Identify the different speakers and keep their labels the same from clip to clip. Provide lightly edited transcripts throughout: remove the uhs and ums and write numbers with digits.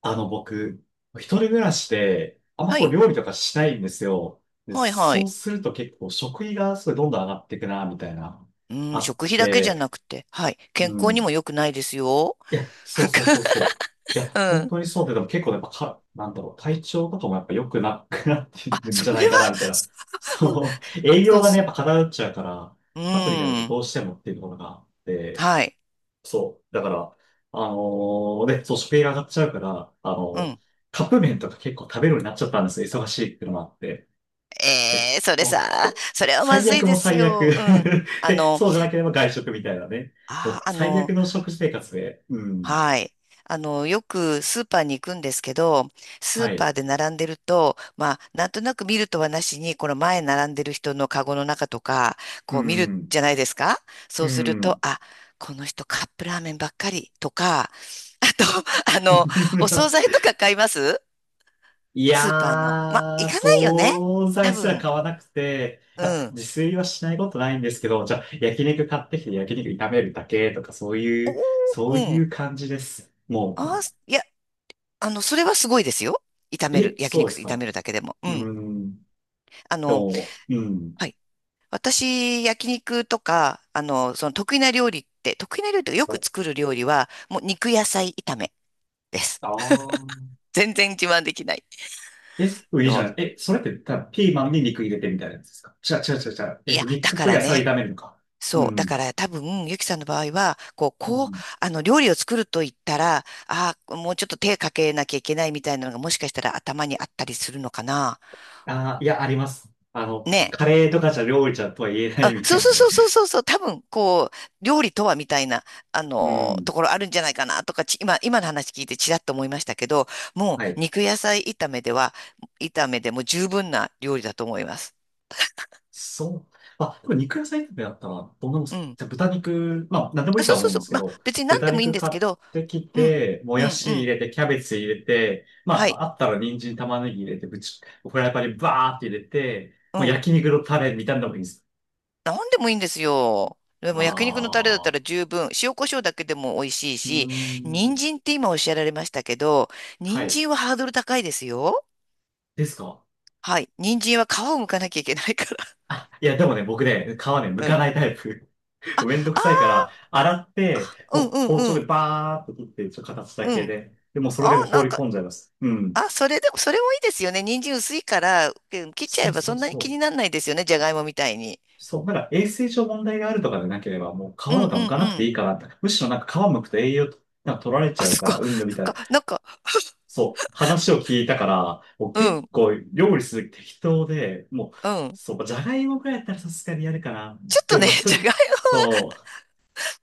Speaker 1: 僕、一人暮らしで、あんま
Speaker 2: は
Speaker 1: こう
Speaker 2: い。
Speaker 1: 料理とかしないんですよ。で、
Speaker 2: はいは
Speaker 1: そう
Speaker 2: い。
Speaker 1: すると結構食費がすごいどんどん上がっていくな、みたいな、
Speaker 2: う
Speaker 1: あ
Speaker 2: ん、
Speaker 1: っ
Speaker 2: 食費だけじゃな
Speaker 1: て、
Speaker 2: くて、はい。健
Speaker 1: う
Speaker 2: 康に
Speaker 1: ん。
Speaker 2: も良くないですよ。
Speaker 1: いや、そ
Speaker 2: な
Speaker 1: う
Speaker 2: んか、
Speaker 1: そうそうそう。いや、
Speaker 2: う
Speaker 1: 本
Speaker 2: ん。
Speaker 1: 当にそうで、でも結構やっぱか、なんだろう、体調とかもやっぱ良くなくなって
Speaker 2: あ、
Speaker 1: るん
Speaker 2: そ
Speaker 1: じゃな
Speaker 2: れ
Speaker 1: い
Speaker 2: は、
Speaker 1: かな、みたいな。
Speaker 2: そうん
Speaker 1: そう、栄
Speaker 2: そ
Speaker 1: 養
Speaker 2: う
Speaker 1: がね、
Speaker 2: そ
Speaker 1: やっ
Speaker 2: う。
Speaker 1: ぱ偏っちゃうから、
Speaker 2: う
Speaker 1: サプリだけじゃ
Speaker 2: ん。
Speaker 1: どうしてもっていうところがあって、
Speaker 2: はい。
Speaker 1: そう。だから、あのそう、食費が上がっちゃうから、
Speaker 2: うん。
Speaker 1: カップ麺とか結構食べるようになっちゃったんですよ。忙しいっていうのもあって。で
Speaker 2: それ
Speaker 1: ほ
Speaker 2: さ、
Speaker 1: ほ
Speaker 2: それはま
Speaker 1: 最
Speaker 2: ずい
Speaker 1: 悪も
Speaker 2: です
Speaker 1: 最
Speaker 2: よ。
Speaker 1: 悪。
Speaker 2: うん。あ
Speaker 1: で、
Speaker 2: の、
Speaker 1: そうじゃなければ外食みたいなね。も
Speaker 2: あ、
Speaker 1: う最悪の食生活で。うん。
Speaker 2: はい。あの、よくスーパーに行くんですけど、スー
Speaker 1: は
Speaker 2: パ
Speaker 1: い。
Speaker 2: ーで並んでると、まあ、なんとなく見るとはなしに、この前並んでる人のカゴの中とか、
Speaker 1: う
Speaker 2: こう見る
Speaker 1: ん。
Speaker 2: じゃないですか。
Speaker 1: う
Speaker 2: そうすると、
Speaker 1: ん。
Speaker 2: あ、この人カップラーメンばっかりとか、あと、あの、お惣 菜とか買います
Speaker 1: い
Speaker 2: スーパーの。まあ、
Speaker 1: やー、
Speaker 2: 行かないよね。
Speaker 1: 惣
Speaker 2: 多
Speaker 1: 菜すら
Speaker 2: 分、
Speaker 1: 買わなくて、
Speaker 2: う
Speaker 1: あ、
Speaker 2: ん。
Speaker 1: 自炊はしないことないんですけど、じゃあ、焼肉買ってきて焼肉炒めるだけとか、そう
Speaker 2: お
Speaker 1: いう、そう
Speaker 2: ー、う
Speaker 1: い
Speaker 2: ん。
Speaker 1: う感じです。も
Speaker 2: あ
Speaker 1: う、
Speaker 2: ー、いや、あの、それはすごいですよ。炒める、
Speaker 1: え、
Speaker 2: 焼
Speaker 1: そう
Speaker 2: 肉
Speaker 1: です
Speaker 2: 炒め
Speaker 1: か。
Speaker 2: るだけでも。う
Speaker 1: うー
Speaker 2: ん。
Speaker 1: ん、
Speaker 2: あ
Speaker 1: で
Speaker 2: の、
Speaker 1: も、うん。
Speaker 2: はい。私、焼肉とか、あの、その得意な料理って、得意な料理とかよく作る料理は、もう肉野菜炒めです。
Speaker 1: あ ー。
Speaker 2: 全然自慢できない。
Speaker 1: え、いい
Speaker 2: で
Speaker 1: じゃ
Speaker 2: も、
Speaker 1: ない。え、それって、ただピーマンに肉入れてみたいなやつですか？違う違う違う違う。
Speaker 2: いや、だ
Speaker 1: 肉
Speaker 2: か
Speaker 1: と
Speaker 2: ら
Speaker 1: 野菜
Speaker 2: ね、
Speaker 1: 炒めるのか。う
Speaker 2: そう、だ
Speaker 1: ん。
Speaker 2: から多分、ゆきさんの場合は、こう、
Speaker 1: う
Speaker 2: こう、
Speaker 1: ん。
Speaker 2: あの、料理を作ると言ったら、ああ、もうちょっと手かけなきゃいけないみたいなのが、もしかしたら頭にあったりするのかな。
Speaker 1: あー、いや、あります。あの、
Speaker 2: ね。
Speaker 1: カレーとかじゃ料理じゃとは言えない
Speaker 2: あ、
Speaker 1: みた
Speaker 2: そう
Speaker 1: い
Speaker 2: そ
Speaker 1: な
Speaker 2: うそ
Speaker 1: ね。
Speaker 2: うそうそうそう、多分、こう、料理とはみたいな、あ
Speaker 1: う
Speaker 2: の、
Speaker 1: ん。
Speaker 2: ところあるんじゃないかなとか、ち、今、今の話聞いてちらっと思いましたけど、も
Speaker 1: は
Speaker 2: う
Speaker 1: い。
Speaker 2: 肉野菜炒めでは、炒めでも十分な料理だと思います。
Speaker 1: そう。まあ、でも肉野菜炒めだったらどんなもんで
Speaker 2: う
Speaker 1: すか？
Speaker 2: ん。
Speaker 1: じゃあ豚肉、まあ、なんでもい
Speaker 2: あ、
Speaker 1: いと
Speaker 2: そう
Speaker 1: は
Speaker 2: そ
Speaker 1: 思
Speaker 2: う
Speaker 1: うんで
Speaker 2: そう。
Speaker 1: すけ
Speaker 2: まあ、
Speaker 1: ど、
Speaker 2: 別に何
Speaker 1: 豚
Speaker 2: でもいいん
Speaker 1: 肉
Speaker 2: です
Speaker 1: 買
Speaker 2: け
Speaker 1: っ
Speaker 2: ど、
Speaker 1: てき
Speaker 2: うん、
Speaker 1: て、も
Speaker 2: う
Speaker 1: や
Speaker 2: ん、う
Speaker 1: し入
Speaker 2: ん。
Speaker 1: れて、キャベツ入れて、ま
Speaker 2: はい、
Speaker 1: あ、あったら人参、玉ねぎ入れて、ぶち、フライパンにバーって入れて、
Speaker 2: う
Speaker 1: もう
Speaker 2: ん。
Speaker 1: 焼肉のタレみたいなのもいいです。
Speaker 2: 何でもいいんですよ。で
Speaker 1: あ
Speaker 2: も焼肉のタレだったら
Speaker 1: あ、
Speaker 2: 十分、塩コショウだけでも美味しい
Speaker 1: うー
Speaker 2: し、人
Speaker 1: ん。
Speaker 2: 参って今おっしゃられましたけど、
Speaker 1: は
Speaker 2: 人
Speaker 1: い。
Speaker 2: 参はハードル高いですよ。
Speaker 1: ですか？
Speaker 2: はい。人参は皮を剥かなきゃいけないから。
Speaker 1: いや、でもね、僕ね、皮ね、剥
Speaker 2: う
Speaker 1: かな
Speaker 2: ん。
Speaker 1: いタイプ。
Speaker 2: あ、
Speaker 1: めんどく
Speaker 2: あ
Speaker 1: さいから、洗って、
Speaker 2: あ、うん
Speaker 1: もう
Speaker 2: う
Speaker 1: 包丁
Speaker 2: んう
Speaker 1: で
Speaker 2: ん。
Speaker 1: バーって切って、ちょっと形だ
Speaker 2: う
Speaker 1: け
Speaker 2: ん。
Speaker 1: で。でもうそれ
Speaker 2: あ、
Speaker 1: でも放
Speaker 2: なん
Speaker 1: り
Speaker 2: か、
Speaker 1: 込んじゃいます。うん。
Speaker 2: あ、それでも、それもいいですよね。人参薄いから、うん、切っちゃ
Speaker 1: そ
Speaker 2: え
Speaker 1: う
Speaker 2: ば
Speaker 1: そ
Speaker 2: そ
Speaker 1: う
Speaker 2: んなに
Speaker 1: そ
Speaker 2: 気に
Speaker 1: う。
Speaker 2: ならないですよね。じゃがいもみたいに。
Speaker 1: そう、まだから衛生上問題があるとかでなければ、もう皮
Speaker 2: うんう
Speaker 1: と
Speaker 2: ん
Speaker 1: か剥かなく
Speaker 2: う
Speaker 1: て
Speaker 2: ん。
Speaker 1: いいかなって。むしろなんか皮剥くと栄養となんか取られち
Speaker 2: あ、
Speaker 1: ゃう
Speaker 2: そ
Speaker 1: か
Speaker 2: こ、
Speaker 1: ら、うんぬ み
Speaker 2: なん
Speaker 1: たいな。
Speaker 2: か、なんか、
Speaker 1: そう、話を聞いたから、もう
Speaker 2: う
Speaker 1: 結
Speaker 2: ん
Speaker 1: 構料理する時適当で、もう、
Speaker 2: うん。
Speaker 1: そう、じゃがいもくらいやったらさすがにやるかな。
Speaker 2: ちょっ
Speaker 1: で
Speaker 2: と
Speaker 1: も
Speaker 2: ね、
Speaker 1: まあ 一
Speaker 2: じゃが
Speaker 1: 人、
Speaker 2: いも、
Speaker 1: そう、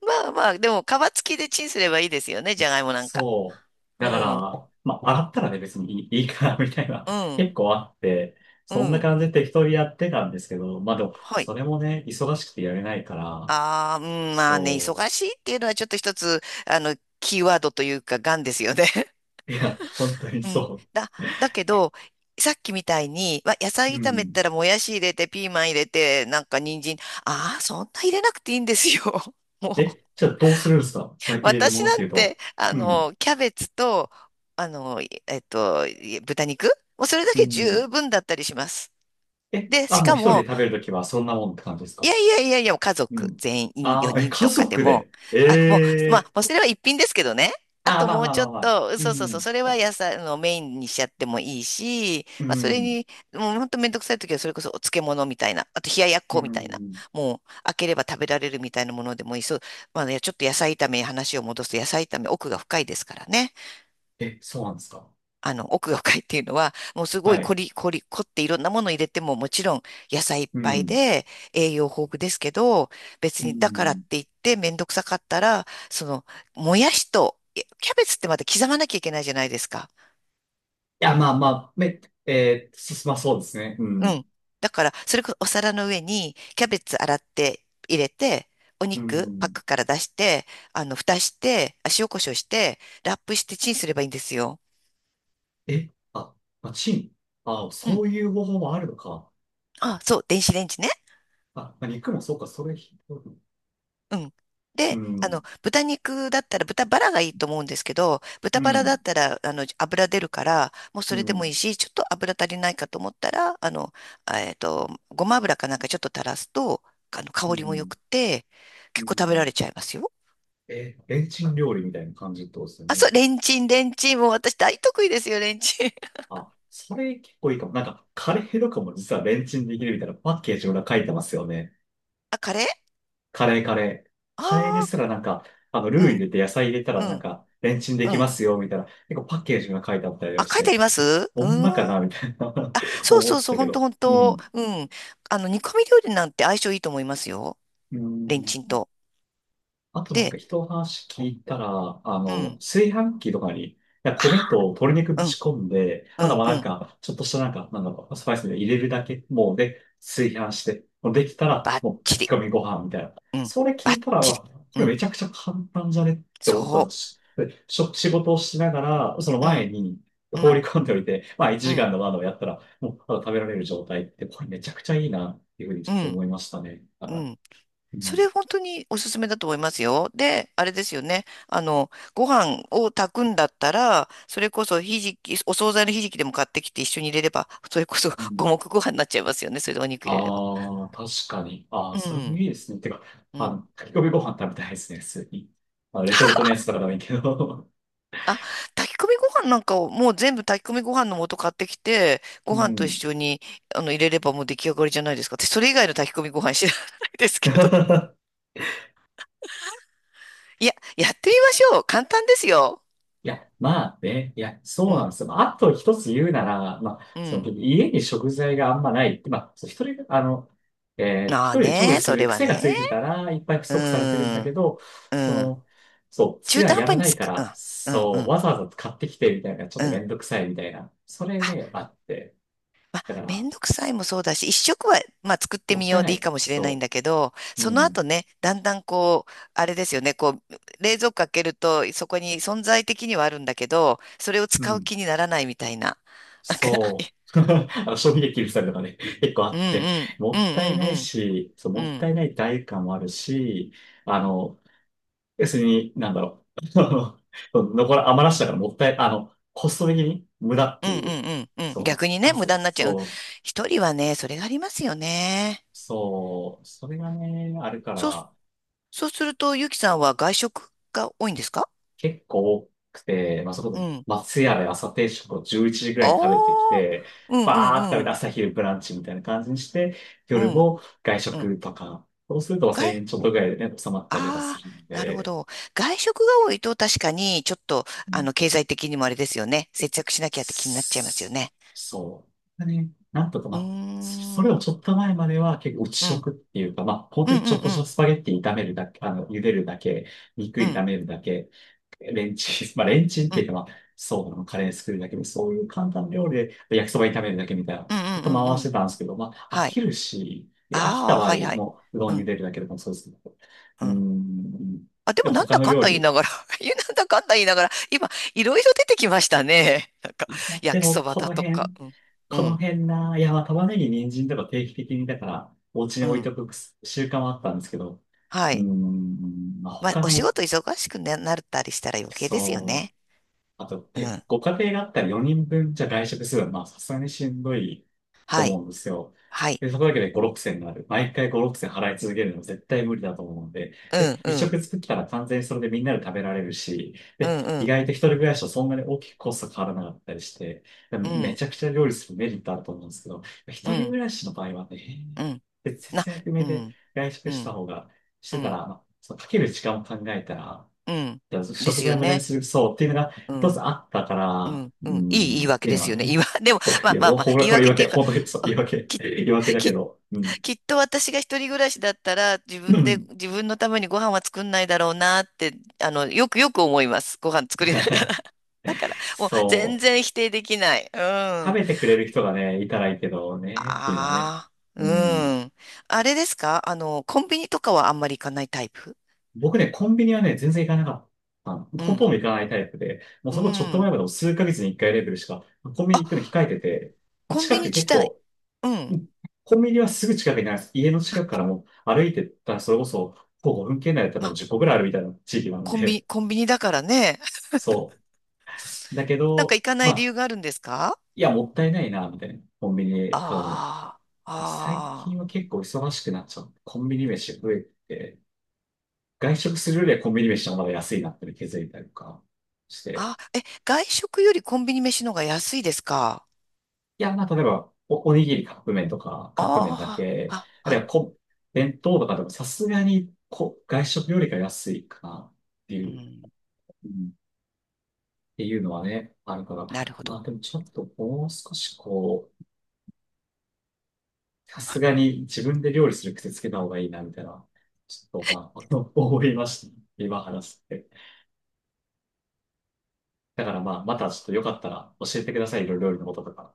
Speaker 2: まあまあ、でも皮付きでチンすればいいですよね。じゃがいもなんか。
Speaker 1: そう。
Speaker 2: う
Speaker 1: だか
Speaker 2: ん、
Speaker 1: ら、まあ洗ったらね、別にいいかな、みたいな。
Speaker 2: うん、
Speaker 1: 結構あって、
Speaker 2: う
Speaker 1: そんな
Speaker 2: ん。
Speaker 1: 感じで適当にやってたんですけど、まあでも、
Speaker 2: はい。
Speaker 1: それもね、忙しくてやれないから、
Speaker 2: ああ、うん、まあね、
Speaker 1: そ
Speaker 2: 忙
Speaker 1: う。
Speaker 2: しいっていうのはちょっと一つ、あの、キーワードというか、癌ですよね。
Speaker 1: いや、本当に
Speaker 2: うん。
Speaker 1: そ
Speaker 2: だ、だけど、さっきみたいに、わ、野
Speaker 1: う。
Speaker 2: 菜
Speaker 1: う
Speaker 2: 炒めっ
Speaker 1: ん。
Speaker 2: たらもやし入れて、ピーマン入れて、なんか人参、ああ、そんな入れなくていいんですよ。もう、
Speaker 1: え、じゃあどうするんですか？入れるも
Speaker 2: 私
Speaker 1: のっ
Speaker 2: な
Speaker 1: てい
Speaker 2: ん
Speaker 1: うと。
Speaker 2: て、あ
Speaker 1: うん。
Speaker 2: の、キャベツと、あの、えっと、豚肉、もうそれだ
Speaker 1: う
Speaker 2: け
Speaker 1: ん。
Speaker 2: 十分だったりします。
Speaker 1: え、
Speaker 2: で、
Speaker 1: あ、
Speaker 2: し
Speaker 1: もう
Speaker 2: か
Speaker 1: 一人で
Speaker 2: も、
Speaker 1: 食べるときはそんなもんって感じです
Speaker 2: いや
Speaker 1: か？
Speaker 2: いやいやいや、家
Speaker 1: う
Speaker 2: 族
Speaker 1: ん。
Speaker 2: 全員
Speaker 1: ああ、え、
Speaker 2: 4人
Speaker 1: 家
Speaker 2: とかで
Speaker 1: 族
Speaker 2: も、
Speaker 1: で。え
Speaker 2: あ、もう、ま
Speaker 1: えー、
Speaker 2: あ、もうそれは一品ですけどね。あ
Speaker 1: ああ、
Speaker 2: と
Speaker 1: まあ
Speaker 2: もう
Speaker 1: まあ
Speaker 2: ち
Speaker 1: ま
Speaker 2: ょ
Speaker 1: あ
Speaker 2: っ
Speaker 1: まあ。
Speaker 2: と、
Speaker 1: う
Speaker 2: そうそうそう、そ
Speaker 1: ん。
Speaker 2: れは野菜あのメインにしちゃってもいいし、
Speaker 1: う
Speaker 2: まあそれ
Speaker 1: ん。
Speaker 2: に、もうほんとめんどくさい時はそれこそお漬物みたいな、あと冷ややっ
Speaker 1: う
Speaker 2: こみたいな、
Speaker 1: ん。
Speaker 2: もう開ければ食べられるみたいなものでもいい。そう、まあね、ちょっと野菜炒めに話を戻すと野菜炒め奥が深いですからね。
Speaker 1: え、そうなんですか？
Speaker 2: あの、奥が深いっていうのは、もうすご
Speaker 1: は
Speaker 2: い凝
Speaker 1: い。
Speaker 2: り、凝り、凝っていろんなもの入れても、もちろん野菜いっ
Speaker 1: う
Speaker 2: ぱい
Speaker 1: ん。
Speaker 2: で栄養豊富ですけど、別
Speaker 1: う
Speaker 2: にだからっ
Speaker 1: ん。
Speaker 2: て
Speaker 1: い
Speaker 2: 言ってめんどくさかったら、その、もやしと、いやキャベツってまた刻まなきゃいけないじゃないですか。
Speaker 1: や、まあまあ、め、えー、進まそうですね。う
Speaker 2: う
Speaker 1: ん。
Speaker 2: ん。だから、それこそお皿の上にキャベツ洗って入れて、お
Speaker 1: う
Speaker 2: 肉パッ
Speaker 1: ん。
Speaker 2: クから出して、あの、蓋して、あ、塩コショウして、ラップしてチンすればいいんですよ。
Speaker 1: え、あ、まあ、チン。あ、
Speaker 2: う
Speaker 1: そ
Speaker 2: ん。
Speaker 1: ういう方法もあるのか。
Speaker 2: あ、そう、電子レンジね。
Speaker 1: あ、まあ肉もそうか、それひどい。
Speaker 2: うん。
Speaker 1: う
Speaker 2: で、あ
Speaker 1: ん、
Speaker 2: の、豚肉だったら豚バラがいいと思うんですけど、豚
Speaker 1: う
Speaker 2: バラだ
Speaker 1: ん、
Speaker 2: ったら、あの、油出るから、もう
Speaker 1: う
Speaker 2: それでもい
Speaker 1: ん、
Speaker 2: いし、ちょっと油足りないかと思ったら、あの、ごま油かなんかちょっと垂らすと、あの、
Speaker 1: う
Speaker 2: 香りも良
Speaker 1: ん、
Speaker 2: くて、
Speaker 1: う
Speaker 2: 結構食べら
Speaker 1: ん。
Speaker 2: れちゃいますよ。
Speaker 1: え、レンチン料理みたいな感じってことですよ
Speaker 2: あ、
Speaker 1: ね。
Speaker 2: そう、レンチン、レンチン。もう私大得意ですよ、レンチン。
Speaker 1: あ、それ結構いいかも。なんか、カレーとかも実はレンチンできるみたいなパッケージ裏書いてますよね。
Speaker 2: あ、カレー。
Speaker 1: カレーカレー。カレーで
Speaker 2: あ
Speaker 1: すら
Speaker 2: あ
Speaker 1: なんか、あの、ルー入
Speaker 2: ー、
Speaker 1: れて野菜入れた
Speaker 2: うん、
Speaker 1: ら
Speaker 2: う
Speaker 1: なん
Speaker 2: ん、
Speaker 1: か、レンチンで
Speaker 2: う
Speaker 1: きま
Speaker 2: ん。
Speaker 1: すよ、みたいな。結構パッケージが書いてあったりを
Speaker 2: あ、
Speaker 1: し
Speaker 2: 書いてあ
Speaker 1: て、
Speaker 2: りますう
Speaker 1: ほ
Speaker 2: ー
Speaker 1: ん
Speaker 2: ん。
Speaker 1: まか
Speaker 2: あ、
Speaker 1: な、みたいな
Speaker 2: そう
Speaker 1: 思っ
Speaker 2: そう
Speaker 1: て
Speaker 2: そう、
Speaker 1: た
Speaker 2: ほ
Speaker 1: け
Speaker 2: んと
Speaker 1: ど。
Speaker 2: ほん
Speaker 1: う
Speaker 2: と。
Speaker 1: ん。
Speaker 2: うん。あの、煮込み料理なんて相性いいと思いますよ。
Speaker 1: う
Speaker 2: レンチン
Speaker 1: ん。
Speaker 2: と。
Speaker 1: あとなん
Speaker 2: で、
Speaker 1: か人の話聞いたら、あ
Speaker 2: う
Speaker 1: の、
Speaker 2: ん。
Speaker 1: 炊飯器とかに、いや米
Speaker 2: あ
Speaker 1: と鶏肉ぶ
Speaker 2: あ、うん、
Speaker 1: ち込んで、
Speaker 2: う
Speaker 1: あと
Speaker 2: ん、
Speaker 1: は
Speaker 2: う
Speaker 1: なん
Speaker 2: ん。
Speaker 1: か、ちょっとしたなんか、なんだろう、スパイスで入れるだけ、もうで、炊飯して、もうできたら、
Speaker 2: バッ
Speaker 1: もう
Speaker 2: チ
Speaker 1: 炊き
Speaker 2: リ。
Speaker 1: 込みご飯みたいな。
Speaker 2: うん、
Speaker 1: それ聞
Speaker 2: バ
Speaker 1: い
Speaker 2: ッ
Speaker 1: たら、
Speaker 2: チリ。
Speaker 1: わこ
Speaker 2: う
Speaker 1: れめ
Speaker 2: ん、
Speaker 1: ちゃくちゃ簡単じゃねって思ったん
Speaker 2: そ
Speaker 1: です。で、しょ仕事をしながら、その
Speaker 2: う。う
Speaker 1: 前
Speaker 2: ん、
Speaker 1: に
Speaker 2: う
Speaker 1: 放り
Speaker 2: ん、
Speaker 1: 込んでおいて、まあ1
Speaker 2: う
Speaker 1: 時
Speaker 2: ん、
Speaker 1: 間の窓をやったら、もうただ食べられる状態って、これめちゃくちゃいいなっていうふうに
Speaker 2: う
Speaker 1: ちょっと
Speaker 2: ん、
Speaker 1: 思いましたね。だ
Speaker 2: う
Speaker 1: から
Speaker 2: ん。
Speaker 1: う
Speaker 2: そ
Speaker 1: ん
Speaker 2: れ本当におすすめだと思いますよ。で、あれですよね。あの、ご飯を炊くんだったら、それこそひじき、お惣菜のひじきでも買ってきて一緒に入れれば、それこそ
Speaker 1: う
Speaker 2: 五
Speaker 1: ん
Speaker 2: 目ご飯になっちゃいますよね。それでお肉入れれば。
Speaker 1: ああ、確かに。ああ、
Speaker 2: う
Speaker 1: それも
Speaker 2: ん、
Speaker 1: いいですね。てか、
Speaker 2: う
Speaker 1: あ
Speaker 2: ん。
Speaker 1: の、炊き込みご飯食べたいですね、普通に。まあ、レトルトのやつとかでもいいけど。
Speaker 2: あ、炊き込みご飯なんかをもう全部炊き込みご飯の素買ってきて、ご
Speaker 1: う
Speaker 2: 飯と一
Speaker 1: ん。
Speaker 2: 緒にあの入れればもう出来上がりじゃないですか。私それ以外の炊き込みご飯知らないですけど。いや、やってみましょう。簡単ですよ。
Speaker 1: いや、まあね、いや、
Speaker 2: う
Speaker 1: そうな
Speaker 2: ん、
Speaker 1: んですよ。まあ、あと一つ言うなら、まあ、
Speaker 2: う
Speaker 1: そ
Speaker 2: ん。
Speaker 1: の、家に食材があんまない。まあ、そう一人が、あの、えー一
Speaker 2: ああ
Speaker 1: 人で調理
Speaker 2: ね、
Speaker 1: す
Speaker 2: そ
Speaker 1: る
Speaker 2: れは
Speaker 1: 癖がつ
Speaker 2: ね。
Speaker 1: いてたら、いっぱい不
Speaker 2: う
Speaker 1: 足されてるんだ
Speaker 2: ー
Speaker 1: け
Speaker 2: ん、
Speaker 1: ど、
Speaker 2: う
Speaker 1: そ
Speaker 2: ん。
Speaker 1: の、そう、す
Speaker 2: 中
Speaker 1: が
Speaker 2: 途半
Speaker 1: やら
Speaker 2: 端に
Speaker 1: な
Speaker 2: つ
Speaker 1: いか
Speaker 2: く。う
Speaker 1: ら、
Speaker 2: ん、うん、う
Speaker 1: そう、
Speaker 2: ん、
Speaker 1: わざわざ買ってきてみたいな、ちょっ
Speaker 2: う
Speaker 1: とめ
Speaker 2: ん。
Speaker 1: んどくさいみたいな、それ
Speaker 2: あ、
Speaker 1: ね、あって。だか
Speaker 2: め
Speaker 1: ら、
Speaker 2: んどくさいもそうだし、一食は、まあ、作って
Speaker 1: もっ
Speaker 2: み
Speaker 1: た
Speaker 2: よ
Speaker 1: い
Speaker 2: う
Speaker 1: な
Speaker 2: でいい
Speaker 1: い。
Speaker 2: かもしれないん
Speaker 1: そ
Speaker 2: だけど、
Speaker 1: う。う
Speaker 2: その
Speaker 1: ん。
Speaker 2: 後ね、だんだんこう、あれですよね、こう、冷蔵庫開けると、そこに存在的にはあるんだけど、それを
Speaker 1: う
Speaker 2: 使う
Speaker 1: ん。
Speaker 2: 気にならないみたいな。なんか
Speaker 1: そう。あの、賞味期限切るたりとかね、結構
Speaker 2: う
Speaker 1: あ
Speaker 2: ん
Speaker 1: っ
Speaker 2: う
Speaker 1: て、
Speaker 2: んう
Speaker 1: も
Speaker 2: ん
Speaker 1: ったい
Speaker 2: う
Speaker 1: ない
Speaker 2: ん
Speaker 1: し、そう、
Speaker 2: うん
Speaker 1: もっ
Speaker 2: うん
Speaker 1: たいない代価もあるし、あの、要するに、なんだろう。あの残ら、余らしたからもったい、あの、コスト的に無駄っ
Speaker 2: う
Speaker 1: て
Speaker 2: んう
Speaker 1: いう。
Speaker 2: んうんうんうん、
Speaker 1: そう。
Speaker 2: 逆にね、
Speaker 1: あ、
Speaker 2: 無
Speaker 1: そ
Speaker 2: 駄
Speaker 1: う、
Speaker 2: になっちゃう。うん、
Speaker 1: そう、
Speaker 2: 一人はね、それがありますよね。
Speaker 1: そう。それがね、あるか
Speaker 2: そう、
Speaker 1: ら、
Speaker 2: そうすると、ゆきさんは外食が多いんですか？
Speaker 1: 結構多くて、まあ、そ
Speaker 2: う
Speaker 1: こ、
Speaker 2: ん。
Speaker 1: 松屋で朝定食を11時ぐら
Speaker 2: あ
Speaker 1: いに食べてき
Speaker 2: あ、
Speaker 1: て、
Speaker 2: うんう
Speaker 1: バーって食べ
Speaker 2: んう
Speaker 1: て
Speaker 2: ん。
Speaker 1: 朝昼ブランチみたいな感じにして、
Speaker 2: う
Speaker 1: 夜
Speaker 2: ん
Speaker 1: も外
Speaker 2: うん。
Speaker 1: 食とか、そうすると1000
Speaker 2: 外、
Speaker 1: 円ちょっとぐらいでね、収まったりとかす
Speaker 2: ああ、
Speaker 1: るん
Speaker 2: なるほ
Speaker 1: で、
Speaker 2: ど。外食が多いと確かにちょっと、
Speaker 1: う
Speaker 2: あ
Speaker 1: ん
Speaker 2: の、経済的にもあれですよね。節約しなきゃって気になっちゃいますよ
Speaker 1: す
Speaker 2: ね。
Speaker 1: そう。ね、なんとか
Speaker 2: うー
Speaker 1: まあ、それ
Speaker 2: ん。
Speaker 1: を
Speaker 2: うん。
Speaker 1: ちょっと前までは結構内
Speaker 2: うん
Speaker 1: 食っていうか、まあ、本
Speaker 2: う
Speaker 1: 当
Speaker 2: ん
Speaker 1: にちょっとし
Speaker 2: う
Speaker 1: た
Speaker 2: ん。
Speaker 1: スパゲッティ炒めるだけ、あの、茹でるだけ、肉
Speaker 2: う
Speaker 1: 炒
Speaker 2: ん。
Speaker 1: めるだけ、レンチン、まあレンチンっ
Speaker 2: う
Speaker 1: ていう
Speaker 2: ん。
Speaker 1: かまあ、そうなの、カレー作るだけで、そういう簡単な料理で焼きそば炒めるだけみたいな、
Speaker 2: うんう
Speaker 1: ずっと
Speaker 2: んうん
Speaker 1: 回
Speaker 2: う
Speaker 1: して
Speaker 2: ん。
Speaker 1: たんですけど、まあ飽
Speaker 2: はい。
Speaker 1: きるし、で飽き
Speaker 2: あ
Speaker 1: た
Speaker 2: あ、
Speaker 1: 場合、
Speaker 2: はいはい。
Speaker 1: もううど
Speaker 2: う
Speaker 1: ん茹
Speaker 2: ん。
Speaker 1: でるだけでもそうですけど、
Speaker 2: う
Speaker 1: うー
Speaker 2: ん。
Speaker 1: ん、
Speaker 2: あ、で
Speaker 1: で
Speaker 2: も
Speaker 1: も
Speaker 2: なん
Speaker 1: 他
Speaker 2: だ
Speaker 1: の
Speaker 2: かん
Speaker 1: 料
Speaker 2: だ言い
Speaker 1: 理、
Speaker 2: ながら、いや、なんだかんだ言いながら、今、いろいろ出てきましたね。なんか、
Speaker 1: いやで
Speaker 2: 焼き
Speaker 1: も
Speaker 2: そば
Speaker 1: こ
Speaker 2: だ
Speaker 1: の
Speaker 2: とか。
Speaker 1: 辺、
Speaker 2: うん。う
Speaker 1: この
Speaker 2: ん。
Speaker 1: 辺な、いや、まあ、玉ねぎ、人参とか定期的に、だから、お家に
Speaker 2: う
Speaker 1: 置いて
Speaker 2: ん。
Speaker 1: おく習慣はあったんですけど、
Speaker 2: は
Speaker 1: うー
Speaker 2: い。
Speaker 1: ん、まあ、
Speaker 2: まあ、
Speaker 1: 他
Speaker 2: お仕
Speaker 1: の、
Speaker 2: 事忙しくななったりしたら余計ですよ
Speaker 1: そう
Speaker 2: ね。
Speaker 1: あと、
Speaker 2: う
Speaker 1: で、
Speaker 2: ん。
Speaker 1: ご家庭があったら4人分じゃ外食するのは、まあ、さすがにしんどいと
Speaker 2: はい。
Speaker 1: 思うんですよ。
Speaker 2: はい。
Speaker 1: で、そこだけで5、6千になる。毎回5、6千払い続けるのは絶対無理だと思うので、
Speaker 2: う
Speaker 1: で、
Speaker 2: ん
Speaker 1: 一
Speaker 2: うん。
Speaker 1: 食作ったら完全にそれでみんなで食べられるし、
Speaker 2: う
Speaker 1: で、
Speaker 2: んう
Speaker 1: 意
Speaker 2: ん
Speaker 1: 外と一人暮らしとそんなに大きくコスト変わらなかったりして、で
Speaker 2: う
Speaker 1: め
Speaker 2: ん
Speaker 1: ちゃくちゃ料理するメリットあると思うんですけど、
Speaker 2: う
Speaker 1: 一人
Speaker 2: ん
Speaker 1: 暮らしの場合はね、
Speaker 2: うん
Speaker 1: で
Speaker 2: な
Speaker 1: 節約目
Speaker 2: う
Speaker 1: で
Speaker 2: ん
Speaker 1: 外食
Speaker 2: う
Speaker 1: した
Speaker 2: ん
Speaker 1: 方が、し
Speaker 2: う
Speaker 1: てたら、
Speaker 2: ん
Speaker 1: まあそのかける時間を考えたら、
Speaker 2: うん
Speaker 1: で
Speaker 2: で
Speaker 1: 食
Speaker 2: す
Speaker 1: 材
Speaker 2: よ
Speaker 1: 無駄に
Speaker 2: ね。
Speaker 1: する、そう、っていうのが
Speaker 2: う
Speaker 1: 一つ
Speaker 2: ん
Speaker 1: あったか
Speaker 2: う
Speaker 1: ら、
Speaker 2: ん
Speaker 1: う
Speaker 2: うん、いい言
Speaker 1: ん、
Speaker 2: い
Speaker 1: っ
Speaker 2: 訳
Speaker 1: てい
Speaker 2: で
Speaker 1: うの
Speaker 2: す
Speaker 1: は
Speaker 2: よね。言
Speaker 1: ね。
Speaker 2: いわ でも
Speaker 1: そう、
Speaker 2: ま
Speaker 1: い
Speaker 2: あ
Speaker 1: や、
Speaker 2: まあまあ
Speaker 1: ほら、
Speaker 2: 言い
Speaker 1: これ言
Speaker 2: 訳
Speaker 1: い
Speaker 2: って
Speaker 1: 訳、
Speaker 2: いうか、
Speaker 1: 本当に、
Speaker 2: あ、き、
Speaker 1: 言い訳だけ
Speaker 2: き、
Speaker 1: ど、うん。
Speaker 2: きっと私が一人暮らしだったら自
Speaker 1: う
Speaker 2: 分で
Speaker 1: ん
Speaker 2: 自分のためにご飯は作んないだろうなって、あのよくよく思います。ご飯
Speaker 1: い
Speaker 2: 作りなが
Speaker 1: や
Speaker 2: ら もう全
Speaker 1: そ
Speaker 2: 然否定できない。うん。
Speaker 1: う、食
Speaker 2: あ
Speaker 1: べてくれる人がね、いたらいいけどね、っていうのはね。
Speaker 2: あう
Speaker 1: うん。
Speaker 2: ん、あれですか、あのコンビニとかはあんまり行かないタイプ？
Speaker 1: 僕ね、コンビニはね、全然行かなかった。
Speaker 2: う
Speaker 1: ほ
Speaker 2: ん
Speaker 1: とんど行かないタイプで、もう
Speaker 2: う
Speaker 1: そこちょっと前
Speaker 2: ん。
Speaker 1: までも数ヶ月に一回レベルしか、コンビニ行くの控えてて、
Speaker 2: コン
Speaker 1: 近
Speaker 2: ビニ
Speaker 1: く
Speaker 2: 自
Speaker 1: 結
Speaker 2: 体、
Speaker 1: 構、
Speaker 2: うん。
Speaker 1: うん、コンビニはすぐ近くにあります。家の近くからもう歩いてったら、それこそ、徒歩5分圏内だったら
Speaker 2: ま
Speaker 1: 多分
Speaker 2: あ、
Speaker 1: 10個ぐらいあるみたいな地域なの
Speaker 2: コンビ、
Speaker 1: で、
Speaker 2: コンビニだからね。
Speaker 1: そう。だけ
Speaker 2: なんか
Speaker 1: ど、
Speaker 2: 行かな
Speaker 1: ま
Speaker 2: い理
Speaker 1: あ、
Speaker 2: 由があるんですか？
Speaker 1: いや、もったいないな、みたいな。コンビニで買うの。
Speaker 2: あ
Speaker 1: 最
Speaker 2: あ、あ
Speaker 1: 近は結構忙しくなっちゃう。コンビニ飯増えて、外食するよりはコンビニ飯の方が安いなって気づいたりとかして。
Speaker 2: あ、あ、え、外食よりコンビニ飯の方が安いですか？
Speaker 1: いや、まあ、例えば、お、おにぎりカップ麺とか、カップ麺だ
Speaker 2: あ
Speaker 1: け、
Speaker 2: あ、あ、
Speaker 1: あ
Speaker 2: は
Speaker 1: るいは
Speaker 2: い。
Speaker 1: こ、弁当とかでもさすがにこ、外食よりか安いかな。ってい
Speaker 2: う
Speaker 1: う
Speaker 2: ん、
Speaker 1: うんっていうのはね、あるから。
Speaker 2: なるほ
Speaker 1: まあ
Speaker 2: ど。
Speaker 1: でもちょっともう少しこう、さすがに自分で料理する癖つけた方がいいな、みたいな、ちょっとまあ、思いました。今話して。だからまあ、またちょっとよかったら教えてください、いろいろ料理のこととか。